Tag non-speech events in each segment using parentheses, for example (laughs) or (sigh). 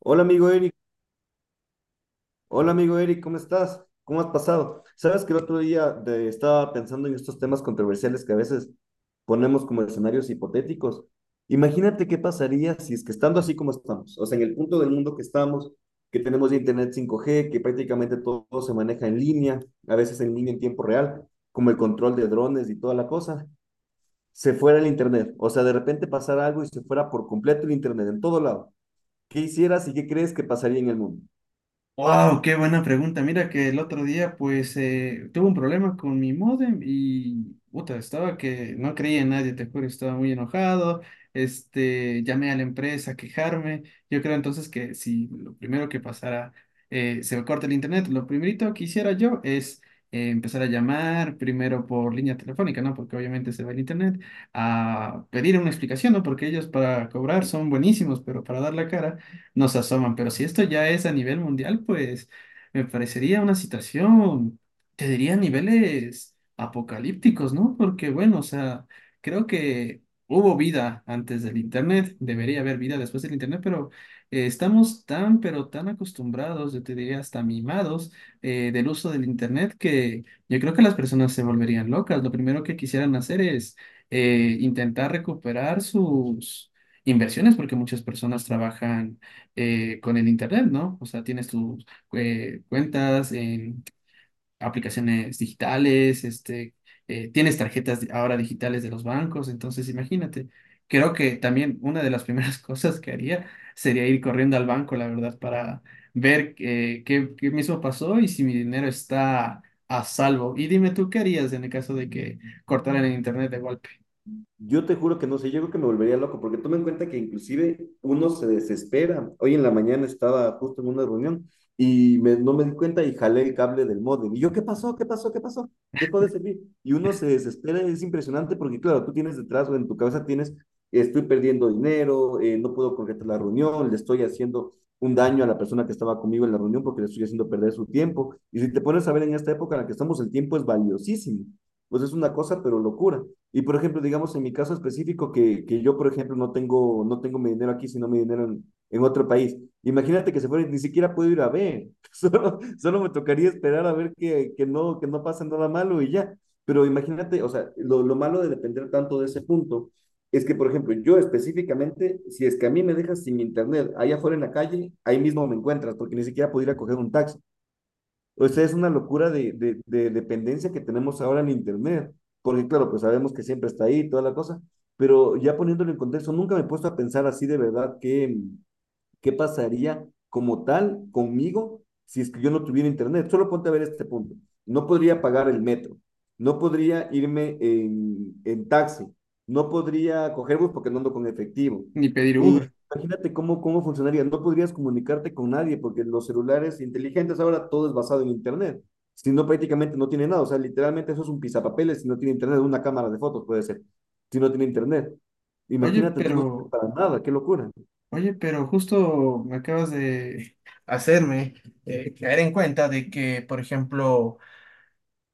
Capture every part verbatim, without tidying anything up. Hola amigo Eric, hola amigo Eric, ¿cómo estás? ¿Cómo has pasado? Sabes que el otro día de- estaba pensando en estos temas controversiales que a veces ponemos como escenarios hipotéticos. Imagínate qué pasaría si es que estando así como estamos, o sea, en el punto del mundo que estamos, que tenemos ya internet cinco G, que prácticamente todo, se maneja en línea, a veces en línea en tiempo real, como el control de drones y toda la cosa, se fuera el internet, o sea, de repente pasara algo y se fuera por completo el internet en todo lado. ¿Qué hicieras y qué crees que pasaría en el mundo? Wow, qué buena pregunta. Mira que el otro día pues eh, tuve un problema con mi módem y puta, estaba que no creía en nadie, te juro, estaba muy enojado. Este, llamé a la empresa a quejarme. Yo creo entonces que si lo primero que pasara eh, se me corta el internet, lo primerito que hiciera yo es eh, empezar a llamar primero por línea telefónica, ¿no? Porque obviamente se va el internet, a pedir una explicación, ¿no? Porque ellos para cobrar son buenísimos, pero para dar la cara nos asoman. Pero si esto ya es a nivel mundial, pues me parecería una situación, te diría a niveles apocalípticos, ¿no? Porque bueno, o sea, creo que hubo vida antes del Internet, debería haber vida después del Internet, pero eh, estamos tan, pero tan acostumbrados, yo te diría hasta mimados eh, del uso del Internet que yo creo que las personas se volverían locas. Lo primero que quisieran hacer es eh, intentar recuperar sus inversiones, porque muchas personas trabajan eh, con el internet, ¿no? O sea, tienes tus eh, cuentas en aplicaciones digitales, este, eh, tienes tarjetas di- ahora digitales de los bancos, entonces imagínate. Creo que también una de las primeras (laughs) cosas que haría sería ir corriendo al banco, la verdad, para ver eh, qué, qué mismo pasó y si mi dinero está a salvo. Y dime tú, ¿qué harías en el caso de que cortaran el internet de golpe? Yo te juro que no sé, yo creo que me volvería loco, porque toma en cuenta que inclusive uno se desespera. Hoy en la mañana estaba justo en una reunión y me- no me di cuenta y jalé el cable del módem. Y yo, ¿qué pasó? ¿Qué pasó? ¿Qué pasó? Dejó de servir. Y uno se desespera, es impresionante porque, claro, tú tienes detrás o en tu cabeza tienes, estoy perdiendo dinero, eh, no puedo concretar la reunión, le estoy haciendo un daño a la persona que estaba conmigo en la reunión porque le estoy haciendo perder su tiempo. Y si te pones a ver en esta época en la que estamos, el tiempo es valiosísimo. Pues es una cosa, pero locura. Y por ejemplo, digamos en mi caso específico, que, que yo, por ejemplo, no tengo, no tengo mi dinero aquí, sino mi dinero en, en otro país. Imagínate que se fuera, y ni siquiera puedo ir a ver. (laughs) Solo, solo me tocaría esperar a ver que, que, no, que no pasa nada malo y ya. Pero imagínate, o sea, lo, lo malo de depender tanto de ese punto es que, por ejemplo, yo específicamente, si es que a mí me dejas sin internet allá afuera en la calle, ahí mismo me encuentras, porque ni siquiera puedo ir a coger un taxi. O sea, es una locura de, de- de dependencia que tenemos ahora en internet, porque claro, pues sabemos que siempre está ahí, toda la cosa, pero ya poniéndolo en contexto, nunca me he puesto a pensar así de verdad que qué pasaría como tal conmigo si es que yo no tuviera internet. Solo ponte a ver este punto. No podría pagar el metro, no podría irme en, en taxi, no podría coger bus porque no ando con efectivo. Ni pedir Y Uber. imagínate cómo, cómo funcionaría. No podrías comunicarte con nadie porque los celulares inteligentes ahora todo es basado en internet. Si no, prácticamente no tiene nada. O sea, literalmente eso es un pisapapeles si no tiene internet, una cámara de fotos puede ser. Si no tiene internet. Oye, Imagínate, entonces no sirve pero para nada, qué locura. Oye, pero justo me acabas de (laughs) hacerme eh, caer en cuenta de que, por ejemplo,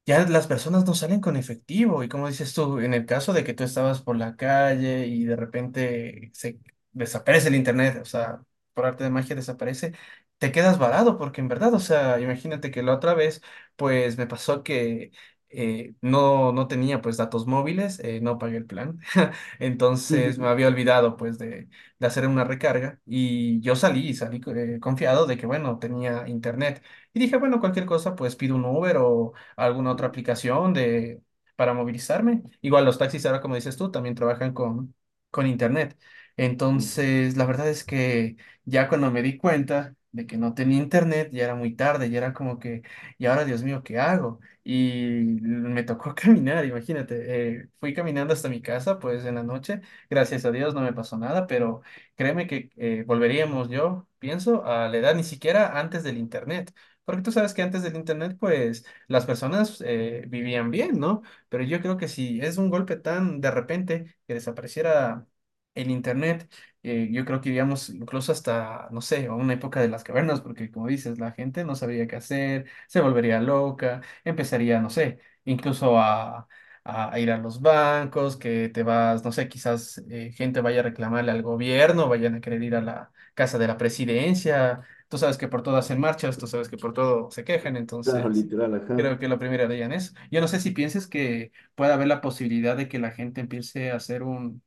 ya las personas no salen con efectivo. Y como dices tú, en el caso de que tú estabas por la calle y de repente se desaparece el internet, o sea, por arte de magia desaparece, te quedas varado, porque en verdad, o sea, imagínate que la otra vez, pues me pasó que eh, no, no tenía pues datos móviles, eh, no pagué el plan. (laughs) Entonces me (laughs) había olvidado pues de, de hacer una recarga y yo salí, salí eh, confiado de que bueno, tenía internet. Y dije, bueno, cualquier cosa, pues pido un Uber o alguna otra aplicación de, para movilizarme. Igual los taxis ahora, como dices tú, también trabajan con, con internet. Entonces, la verdad es que ya cuando me di cuenta de que no tenía internet, ya era muy tarde, ya era como que, y ahora, Dios mío, ¿qué hago? Y me tocó (laughs) caminar, imagínate. Eh, fui caminando hasta mi casa, pues en la noche. Gracias a Dios no me pasó nada, pero créeme que eh, volveríamos, yo pienso, a la edad ni siquiera antes del internet. Porque tú sabes que antes del internet, pues las personas eh, vivían bien, ¿no? Pero yo creo que si es un golpe tan de repente que desapareciera el internet, eh, yo creo que iríamos incluso hasta, no sé, a una época de las cavernas, porque como dices, la gente no sabría qué hacer, se volvería loca, empezaría, no sé, incluso a... a ir a los bancos, que te vas, no sé, quizás eh, gente vaya a reclamarle al gobierno, vayan a querer ir a la casa de la presidencia, tú sabes que por todo hacen marchas, tú sabes que por todo se quejan, Claro, entonces literal, ajá. creo que la primera de ellas es. Yo no sé si pienses que puede haber la posibilidad de que la gente empiece a hacer un,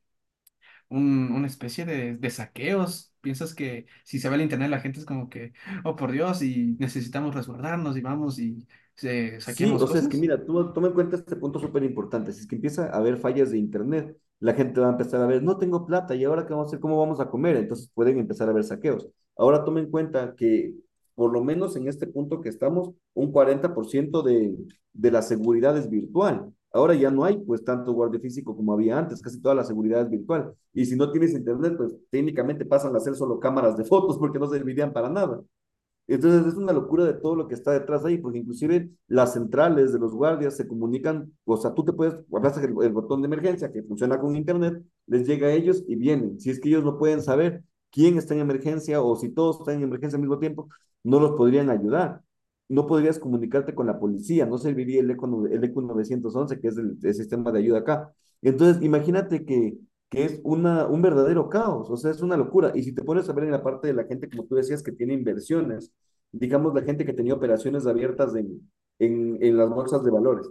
un- una especie de, de saqueos. Piensas que si se va el internet, la gente es como que, oh por Dios, y necesitamos resguardarnos y vamos y se, Sí, saqueamos o sea, es que cosas. mira, tú toma en cuenta este punto súper importante. Si es que empieza a haber fallas de internet, la gente va a empezar a ver, no tengo plata, ¿y ahora qué vamos a hacer? ¿Cómo vamos a comer? Entonces pueden empezar a haber saqueos. Ahora toma en cuenta que, por lo menos en este punto que estamos, un cuarenta por ciento de, de la seguridad es virtual. Ahora ya no hay pues tanto guardia físico como había antes, casi toda la seguridad es virtual. Y si no tienes internet, pues técnicamente pasan a ser solo cámaras de fotos porque no servirían para nada. Entonces es una locura de todo lo que está detrás ahí, porque inclusive las centrales de los guardias se comunican, o sea, tú te puedes, abrazas el, el botón de emergencia que funciona con internet, les llega a ellos y vienen. Si es que ellos no pueden saber quién está en emergencia o si todos están en emergencia al mismo tiempo, no los podrían ayudar. No podrías comunicarte con la policía, no serviría el ECO, el ECO nueve once, que es el, el sistema de ayuda acá. Entonces, imagínate que que es una, un verdadero caos, o sea, es una locura. Y si te pones a ver en la parte de la gente, como tú decías, que tiene inversiones, digamos, la gente que tenía operaciones abiertas en, en, en las bolsas de valores.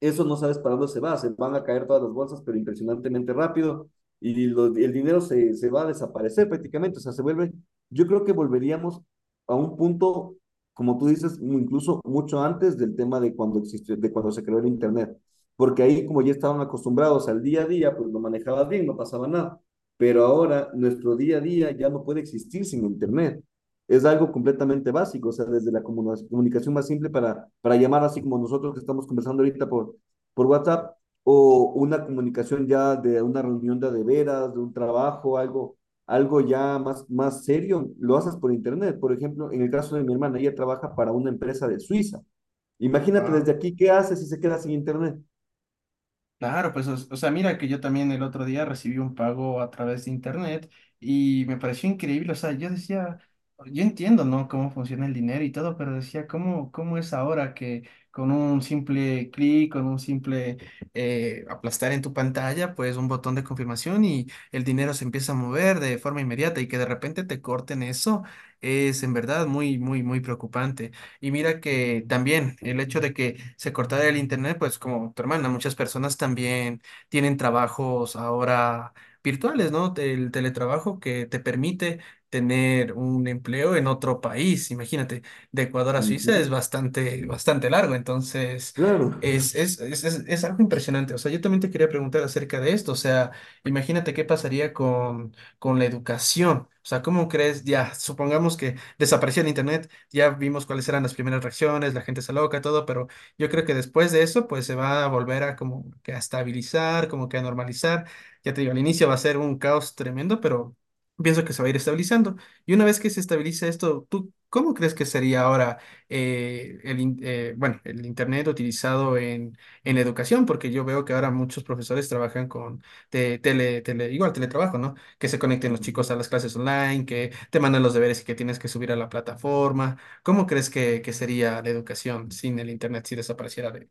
Eso no sabes para dónde se va, se van a caer todas las bolsas, pero impresionantemente rápido, y lo- el dinero se, se va a desaparecer prácticamente, o sea, se vuelve, yo creo que volveríamos a un punto, como tú dices, incluso mucho antes del tema de cuando existió, de cuando se creó el internet, porque ahí como ya estaban acostumbrados al día a día, pues lo manejabas bien, no pasaba nada. Pero ahora nuestro día a día ya no puede existir sin internet, es algo completamente básico, o sea, desde la comunicación más simple para, para llamar así como nosotros que estamos conversando ahorita por, por WhatsApp, o una comunicación ya de una reunión de, a de veras, de un trabajo, algo, algo ya más, más serio, lo haces por internet. Por ejemplo, en el caso de mi hermana, ella trabaja para una empresa de Suiza. Imagínate Wow. desde aquí, ¿qué hace si se queda sin internet? Claro, pues, o, o sea, mira que yo también el otro día recibí un pago a través de internet y me pareció increíble, o sea, yo decía, yo entiendo, ¿no? Cómo funciona el dinero y todo, pero decía, ¿cómo, cómo es ahora que con un simple clic, con un simple eh, aplastar en tu pantalla, pues un botón de confirmación y el dinero se empieza a mover de forma inmediata y que de repente te corten eso, es en verdad muy, muy, muy preocupante. Y mira que también el hecho de que se cortara el internet, pues como tu hermana, muchas personas también tienen trabajos ahora virtuales, ¿no? El teletrabajo que te permite tener un empleo en otro país. Imagínate, de Ecuador Uh a Suiza es -huh, bastante, bastante largo, entonces claro. es, es, es, es, es algo impresionante. O sea, yo también te quería preguntar acerca de esto. O sea, imagínate qué pasaría con, con la educación. O sea, ¿cómo crees? Ya, supongamos que desapareció el internet, ya vimos cuáles eran las primeras reacciones, la gente se loca, todo, pero yo creo que después de eso, pues se va a volver a como que a estabilizar, como que a normalizar. Ya te digo, al inicio va a ser un caos tremendo, pero pienso que se va a ir estabilizando. Y una vez que se estabilice esto, ¿tú cómo crees que sería ahora eh, el, in- eh, bueno, el Internet utilizado en, en la educación? Porque yo veo que ahora muchos profesores trabajan con te- tele, tele, igual teletrabajo, ¿no? Que se conecten Uh los chicos -huh. a las clases online, que te mandan los deberes y que tienes que subir a la plataforma. ¿Cómo crees que, que sería la educación sin el Internet si desapareciera de,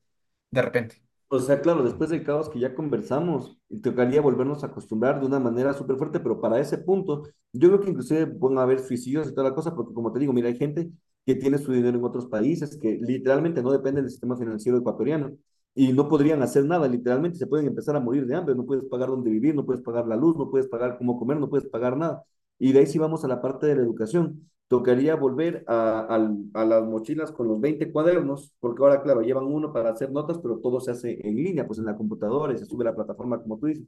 de repente? O sea, claro, después del caos que ya conversamos, tocaría volvernos a acostumbrar de una manera súper fuerte, pero para ese punto, yo creo que inclusive van a haber suicidios y toda la cosa, porque como te digo, mira, hay gente que tiene su dinero en otros países, que literalmente no dependen del sistema financiero ecuatoriano y no podrían hacer nada, literalmente se pueden empezar a morir de hambre, no puedes pagar dónde vivir, no puedes pagar la luz, no puedes pagar cómo comer, no puedes pagar nada. Y de ahí sí vamos a la parte de la educación, tocaría volver a, a, a, las mochilas con los veinte cuadernos, porque ahora, claro, llevan uno para hacer notas, pero todo se hace en línea, pues en la computadora y se sube a la plataforma, como tú dices.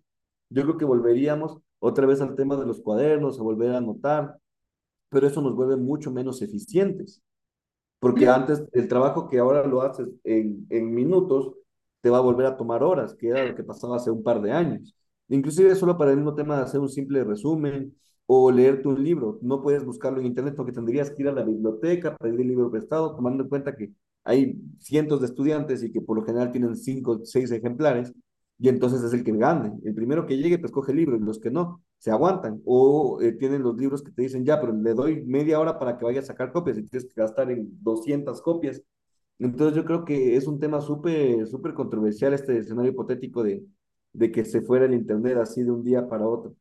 Yo creo que volveríamos otra vez al tema de los cuadernos, a volver a anotar, pero eso nos vuelve mucho menos eficientes. Yo Porque antes el trabajo que ahora lo haces en, en minutos te va a volver a tomar horas, que era lo que pasaba hace un par de años. Inclusive solo para el mismo tema de hacer un simple resumen o leerte un libro. No puedes buscarlo en internet porque tendrías que ir a la biblioteca, pedir el libro prestado, tomando en cuenta que hay cientos de estudiantes y que por lo general tienen cinco o seis ejemplares y entonces es el que gane. El primero que llegue, pues coge el libro, y los que no, se aguantan. O eh, tienen los libros que te dicen, ya, pero le doy media hora para que vaya a sacar copias y tienes que gastar en doscientas copias. Entonces yo creo que es un tema súper, súper controversial este escenario hipotético de, de que se fuera el internet así de un día para otro.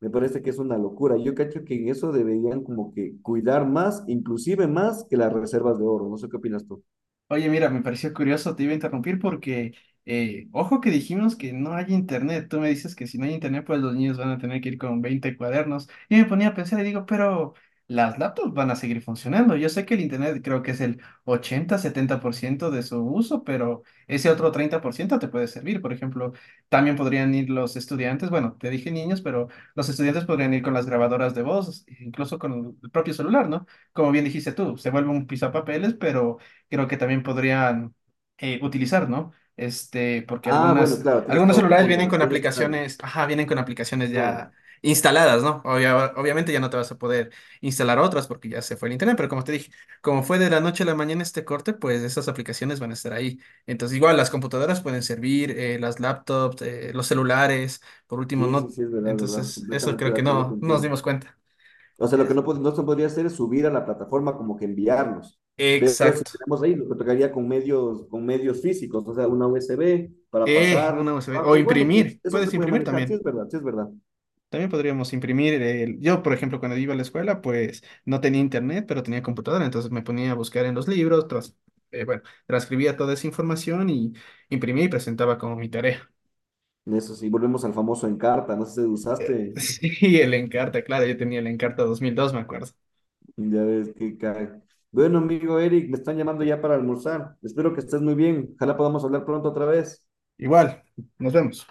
Me parece que es una locura. Yo cacho que en eso deberían como que cuidar más, inclusive más que las reservas de oro. No sé qué opinas tú. oye, mira, me pareció curioso, te iba a interrumpir porque, eh, ojo que dijimos que no hay internet. Tú me dices que si no hay internet, pues los niños van a tener que ir con veinte cuadernos. Y me ponía a pensar y digo, pero las laptops van a seguir funcionando. Yo sé que el internet creo que es el ochenta setenta por ciento de su uso, pero ese otro treinta por ciento te puede servir. Por ejemplo, también podrían ir los estudiantes, bueno, te dije niños, pero los estudiantes podrían ir con las grabadoras de voz, incluso con el propio celular, ¿no? Como bien dijiste tú, se vuelve un pisapapeles, pero creo que también podrían eh, utilizar, ¿no? Este, porque Ah, bueno, algunas, claro, tienes algunos todo tu celulares punto. vienen Las con puedes usar. aplicaciones, ajá, vienen con aplicaciones ya Claro. instaladas, ¿no? Obvia- obviamente ya no te vas a poder instalar otras porque ya se fue el internet, pero como te dije, como fue de la noche a la mañana este corte, pues esas aplicaciones van a estar ahí. Entonces, igual las computadoras pueden servir, eh, las laptops, eh, los celulares, por último, Sí, sí, no. sí, es verdad, verdad. Entonces, eso Completamente creo de que acuerdo no, no nos contigo. dimos cuenta. O sea, lo que Es- no, pod- no se podría hacer es subir a la plataforma como que enviarlos. Pero si Exacto. tenemos ahí, lo que tocaría con medios, con medios físicos, o sea, una U S B para Eh, pasar una U S B. O abajo. Bueno, pues imprimir. eso Puedes se puede imprimir manejar, sí también. es verdad, sí es verdad. También podríamos imprimir el... Yo, por ejemplo, cuando iba a la escuela, pues no tenía internet, pero tenía computadora, entonces me ponía a buscar en los libros, tras- eh, bueno, transcribía toda esa información y imprimía y presentaba como mi tarea. (laughs) Eso sí, volvemos al famoso Encarta, no sé si usaste, Sí, el Encarta, claro, yo tenía el Encarta dos mil dos, me acuerdo. ya ves que cae. Bueno, amigo Eric, me están llamando ya para almorzar. Espero que estés muy bien. Ojalá podamos hablar pronto otra vez. Igual, nos vemos.